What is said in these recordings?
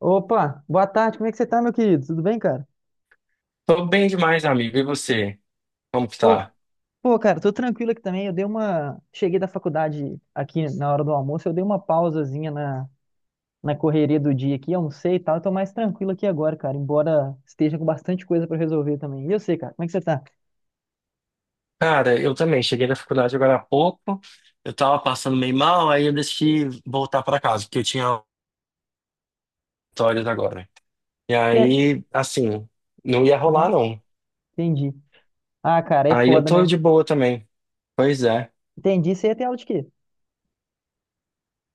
Opa, boa tarde, como é que você tá, meu querido? Tudo bem, cara? Tô bem demais, amigo. E você? Como que Pô, tá? pô, cara, tô tranquilo aqui também. Eu dei uma. Cheguei da faculdade aqui na hora do almoço, eu dei uma pausazinha na correria do dia aqui, almocei e tal. Eu tô mais tranquilo aqui agora, cara, embora esteja com bastante coisa pra resolver também. E eu sei, cara, como é que você tá? Cara, eu também. Cheguei da faculdade agora há pouco. Eu tava passando meio mal, aí eu decidi voltar pra casa, porque eu tinha auditórias agora. E Per- aí, assim, não ia rolar, Aham, não. entendi. Ah, cara, é Aí eu foda, tô né? de boa também. Pois é. Entendi. Você ia ter aula de quê?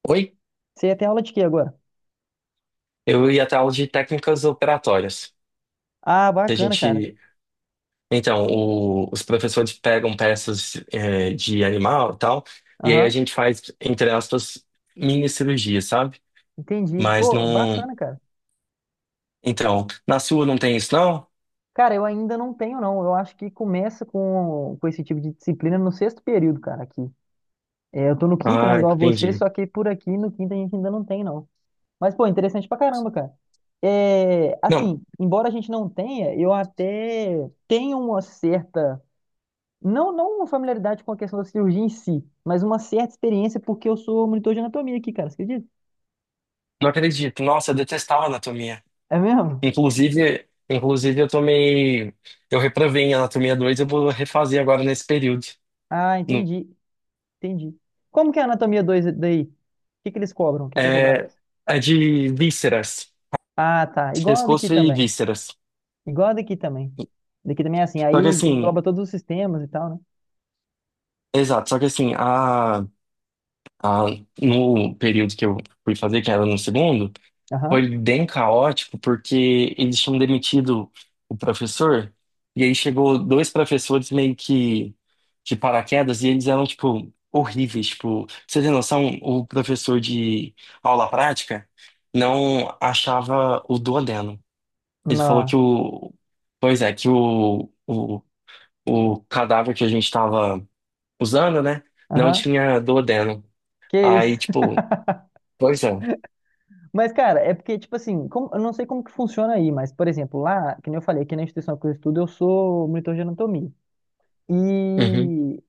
Oi? Você ia ter aula de quê agora? Eu ia até aula de técnicas operatórias. Ah, Que a bacana, cara. gente. Então, os professores pegam peças, de animal e tal, e aí a Aham, gente faz, entre aspas, mini cirurgia, sabe? entendi. Mas Pô, não. bacana, cara. Então, na sua não tem isso, não? Cara, eu ainda não tenho, não. Eu acho que começa com esse tipo de disciplina no sexto período, cara, aqui. É, eu tô no quinto, né, Ah, igual você, entendi. só que por aqui no quinto a gente ainda não tem, não. Mas, pô, interessante pra caramba, cara. É, Não, assim, embora a gente não tenha, eu até tenho uma certa, não, não uma familiaridade com a questão da cirurgia em si, mas uma certa experiência porque eu sou monitor de anatomia aqui, cara, você acredita? não acredito. Nossa, eu detestava anatomia. É mesmo? Inclusive, eu tomei, eu reprovei em anatomia 2. Eu vou refazer agora nesse período. Ah, No- entendi, entendi. Como que é a anatomia 2 daí? O que que eles cobram? O que que é cobrado? É, é de vísceras, Ah, tá. Igual a daqui pescoço e também. vísceras. Igual a daqui também. Daqui também é assim. Aí Só que engloba assim, todos os sistemas e tal, né? exato, só que assim, no período que eu fui fazer, que era no segundo, Aham. foi bem caótico porque eles tinham demitido o professor e aí chegou dois professores meio que de paraquedas e eles eram tipo horríveis, tipo, você tem noção, o professor de aula prática não achava o duodeno. Ele falou Não. que pois é, que o cadáver que a gente estava usando, né, não Aham. tinha duodeno. Que Aí, isso. tipo, pois é. Mas, cara, é porque, tipo assim, eu não sei como que funciona aí, mas, por exemplo, lá, que nem eu falei, aqui na instituição que eu estudo, eu sou monitor de anatomia. Uhum. E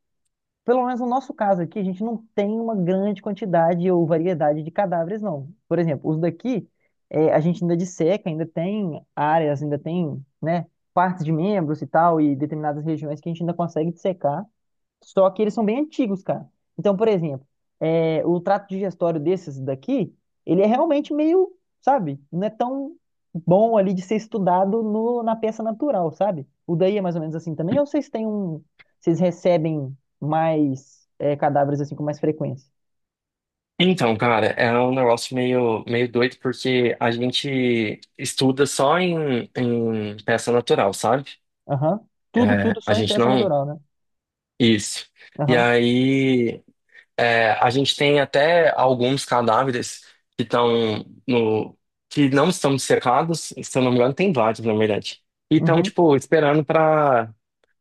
pelo menos no nosso caso aqui, a gente não tem uma grande quantidade ou variedade de cadáveres, não. Por exemplo, os daqui, a gente ainda disseca, ainda tem áreas, ainda tem, né, partes de membros e tal, e determinadas regiões que a gente ainda consegue dissecar. Só que eles são bem antigos, cara. Então, por exemplo, é, o trato digestório desses daqui, ele é realmente meio, sabe, não é tão bom ali de ser estudado no, na peça natural, sabe? O daí é mais ou menos assim também, ou vocês têm um. Vocês recebem mais é, cadáveres assim com mais frequência? Então, cara, é um negócio meio, meio doido porque a gente estuda só em peça natural, sabe? Aham. Tudo, É, tudo a só em gente peça não. natural, né? Isso. E Aham. aí, é, a gente tem até alguns cadáveres que estão no. Que não estão secados, se eu não me engano, tem vários, na verdade. E estão, Uhum. tipo, esperando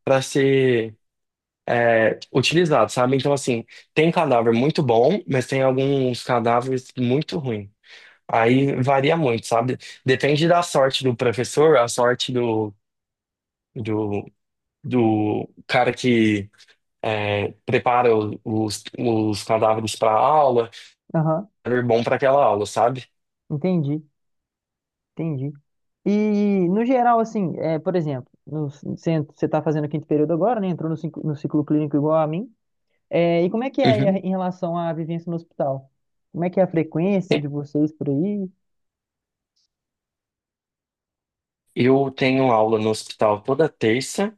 para ser é, utilizados, sabe? Então, assim, tem cadáver muito bom, mas tem alguns cadáveres muito ruins. Aí varia muito, sabe? Depende da sorte do professor, a sorte do, do cara que é, prepara os cadáveres para aula, Aham. é bom para aquela aula, sabe? Entendi. Entendi. E, no geral, assim, é, por exemplo, no, centro você está fazendo o quinto período agora, né? Entrou no ciclo clínico igual a mim. É, e como é que é aí Uhum. em relação à vivência no hospital? Como é que é a frequência de vocês por aí? Eu tenho aula no hospital toda terça,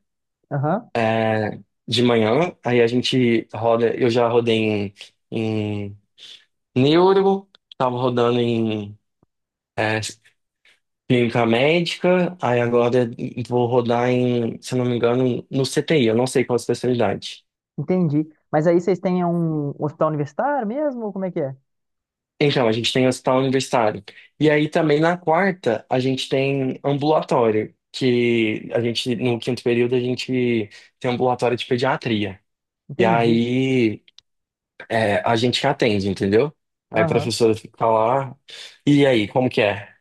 Aham, é, de manhã, aí a gente roda, eu já rodei em neuro, tava rodando em é, Clínica médica, aí agora vou rodar em, se eu não me engano, no CTI, eu não sei qual a especialidade. entendi. Mas aí vocês têm um hospital universitário mesmo? Ou como é que é? Então, a gente tem hospital universitário. E aí também na quarta, a gente tem ambulatório, que a gente, no quinto período, a gente tem ambulatório de pediatria. E Entendi. aí é, a gente que atende, entendeu? Aí a Aham. professora fica lá. E aí, como que é?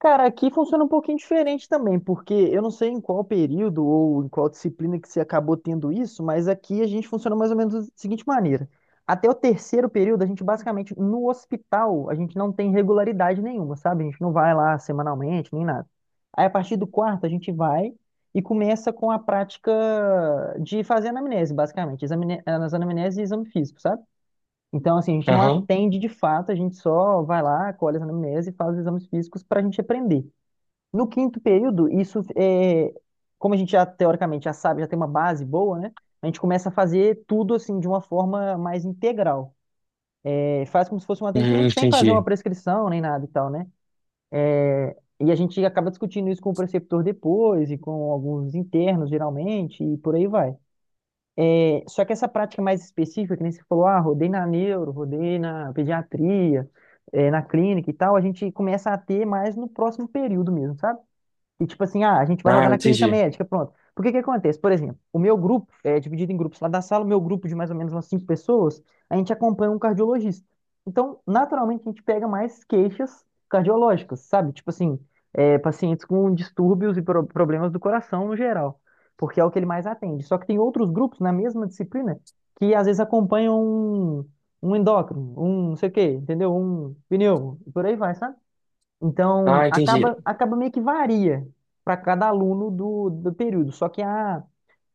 Cara, aqui funciona um pouquinho diferente também, porque eu não sei em qual período ou em qual disciplina que você acabou tendo isso, mas aqui a gente funciona mais ou menos da seguinte maneira. Até o terceiro período, a gente basicamente, no hospital, a gente não tem regularidade nenhuma, sabe? A gente não vai lá semanalmente, nem nada. Aí, a partir do quarto, a gente vai e começa com a prática de fazer anamnese, basicamente, as anamneses e exame físico, sabe? Então, assim, a gente não Aham. atende de fato, a gente só vai lá, colhe as anamnese e faz os exames físicos para a gente aprender. No quinto período, isso é, como a gente já teoricamente já sabe, já tem uma base boa, né? A gente começa a fazer tudo assim de uma forma mais integral. É, faz como se fosse um Uhum, atendimento sem fazer uma entendi. prescrição nem nada e tal, né? E a gente acaba discutindo isso com o preceptor depois e com alguns internos, geralmente, e por aí vai. É, só que essa prática mais específica, que nem você falou, ah, rodei na neuro, rodei na pediatria, é, na clínica e tal, a gente começa a ter mais no próximo período mesmo, sabe? E tipo assim, ah, a gente vai rodar Ah, na clínica entendi. médica, pronto. Por que que acontece? Por exemplo, o meu grupo é dividido em grupos lá da sala, o meu grupo de mais ou menos umas cinco pessoas, a gente acompanha um cardiologista. Então, naturalmente, a gente pega mais queixas cardiológicas, sabe? Tipo assim, é, pacientes com distúrbios e pro- problemas do coração no geral, porque é o que ele mais atende. Só que tem outros grupos na mesma disciplina que às vezes acompanham um, endócrino, um não sei o quê, entendeu? Um pneu, e por aí vai, sabe? Então, Ah, entendi. acaba meio que varia para cada aluno do período. Só que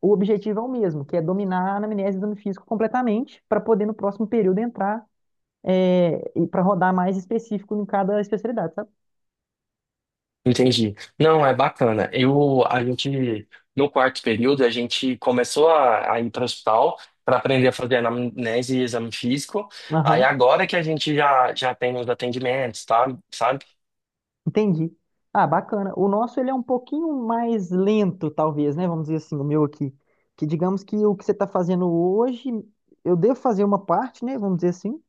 o objetivo é o mesmo, que é dominar a anamnese e exame físico completamente para poder no próximo período entrar e para rodar mais específico em cada especialidade, sabe? Entendi. Não, é bacana. Eu, a gente, no quarto período, a gente começou a ir para o hospital para aprender a fazer anamnese e exame físico. Aí Aham, agora que a gente já, já tem os atendimentos, tá? Sabe? entendi. Ah, bacana. O nosso ele é um pouquinho mais lento, talvez, né? Vamos dizer assim, o meu aqui. Que digamos que o que você está fazendo hoje, eu devo fazer uma parte, né? Vamos dizer assim.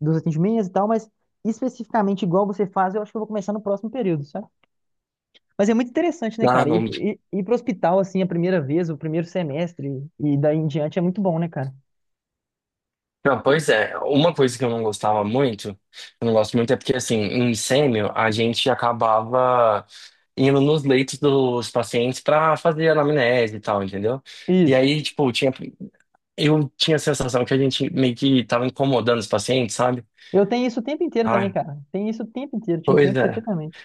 Dos atendimentos e tal, mas especificamente igual você faz, eu acho que eu vou começar no próximo período, sabe? Mas é muito interessante, né, Ah, cara? não. Ir pro hospital, assim, a primeira vez, o primeiro semestre e daí em diante é muito bom, né, cara? Não, pois é. Uma coisa que eu não gostava muito, eu não gosto muito, é porque, assim, em sêmio, a gente acabava indo nos leitos dos pacientes para fazer anamnese e tal, entendeu? E Isso. aí, tipo, tinha. Eu tinha a sensação que a gente meio que tava incomodando os pacientes, sabe? Eu tenho isso o tempo inteiro também, Ai, cara. Tenho isso o tempo inteiro, te pois entendo é. perfeitamente.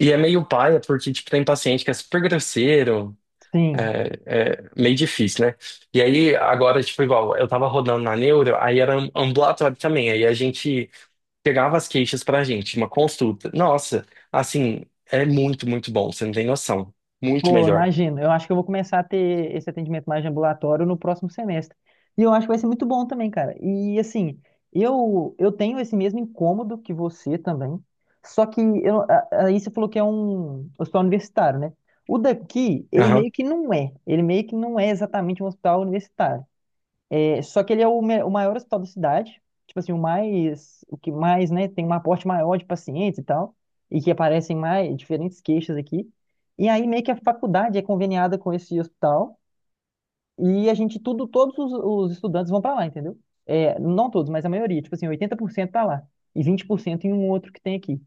E é meio paia, porque, tipo, tem paciente que é super grosseiro, Sim. é, é meio difícil, né? E aí, agora, tipo, igual, eu tava rodando na neuro, aí era um ambulatório também, aí a gente pegava as queixas pra gente, uma consulta. Nossa, assim, é muito, muito bom, você não tem noção. Muito Pô, melhor. imagino. Eu acho que eu vou começar a ter esse atendimento mais de ambulatório no próximo semestre. E eu acho que vai ser muito bom também, cara. E assim, eu tenho esse mesmo incômodo que você também. Só que eu, aí você falou que é um hospital universitário, né? O daqui, ele meio Aham. que não é. Ele meio que não é exatamente um hospital universitário. É, só que ele é o maior hospital da cidade, tipo assim, o mais, o que mais, né, tem um aporte maior de pacientes e tal, e que aparecem mais diferentes queixas aqui. E aí meio que a faculdade é conveniada com esse hospital e a gente tudo, todos os estudantes vão para lá, entendeu? É, não todos, mas a maioria, tipo assim, 80% tá lá e 20% em um outro que tem aqui.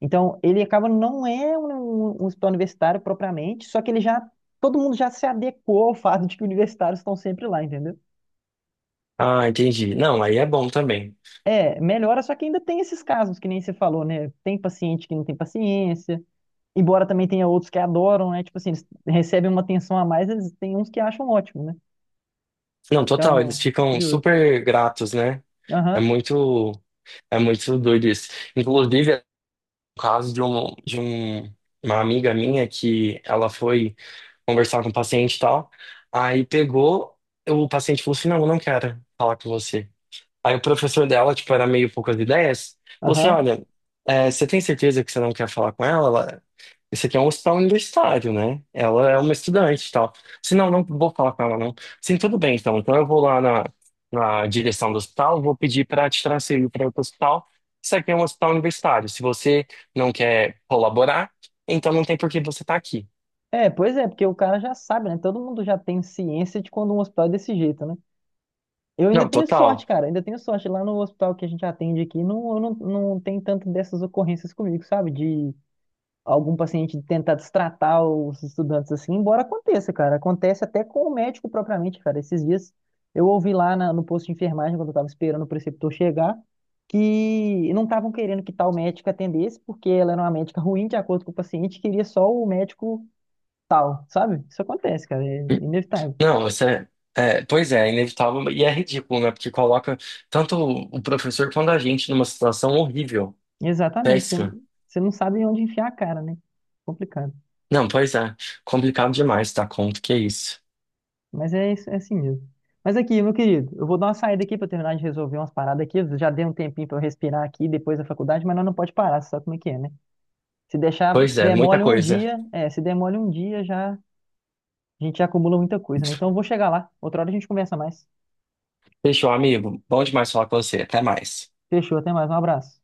Então, ele acaba não é um, um hospital universitário propriamente, só que ele já todo mundo já se adequou ao fato de que universitários estão sempre lá, entendeu? Ah, entendi. Não, aí é bom também. É, melhora, só que ainda tem esses casos que nem você falou, né? Tem paciente que não tem paciência, embora também tenha outros que adoram, né? Tipo assim, eles recebem uma atenção a mais, eles tem uns que acham ótimo, né? Não, total, eles Então, é ficam curioso. super gratos, né? É Aham, muito, é muito doido isso. Inclusive, é o caso de um, uma amiga minha que ela foi conversar com o paciente e tal, aí pegou, o paciente falou assim, não, eu não quero falar com você. Aí o professor dela, tipo, era meio poucas ideias, falou assim, aham. olha, é, você tem certeza que você não quer falar com ela? Ela- Isso aqui é um hospital universitário, né? Ela é uma estudante e tal. Se não, não vou falar com ela, não. Sim, tudo bem, então. Então eu vou lá na, na direção do hospital, vou pedir para te transferir para outro hospital. Isso aqui é um hospital universitário. Se você não quer colaborar, então não tem por que você estar aqui. É, pois é, porque o cara já sabe, né? Todo mundo já tem ciência de quando um hospital é desse jeito, né? Eu ainda Não, tenho sorte, total. cara, ainda tenho sorte. Lá no hospital que a gente atende aqui, não, não, não tem tanto dessas ocorrências comigo, sabe? De algum paciente tentar destratar os estudantes assim, embora aconteça, cara. Acontece até com o médico propriamente, cara. Esses dias eu ouvi lá no posto de enfermagem, quando eu tava esperando o preceptor chegar, que não estavam querendo que tal médico atendesse, porque ela era uma médica ruim, de acordo com o paciente, queria só o médico tal, sabe? Isso acontece, cara, é inevitável. Não, você. É, é, pois é, é inevitável e é ridículo, né? Porque coloca tanto o professor quanto a gente numa situação horrível, Exatamente, você péssima. você não sabe onde enfiar a cara, né? Complicado. Não, pois é, complicado demais dar conta, que é isso. Mas é, isso- é assim mesmo. Mas aqui, meu querido, eu vou dar uma saída aqui para terminar de resolver umas paradas aqui. Eu Já dei um tempinho para eu respirar aqui depois da faculdade, mas nós não pode parar, você sabe como é que é, né? Se deixar, Pois se é, muita demole um coisa. dia, se demole um dia já, a gente já acumula muita coisa, né? Então eu vou chegar lá. Outra hora a gente conversa mais. Fechou, amigo. Bom demais falar com você. Até mais. Fechou, até mais, um abraço.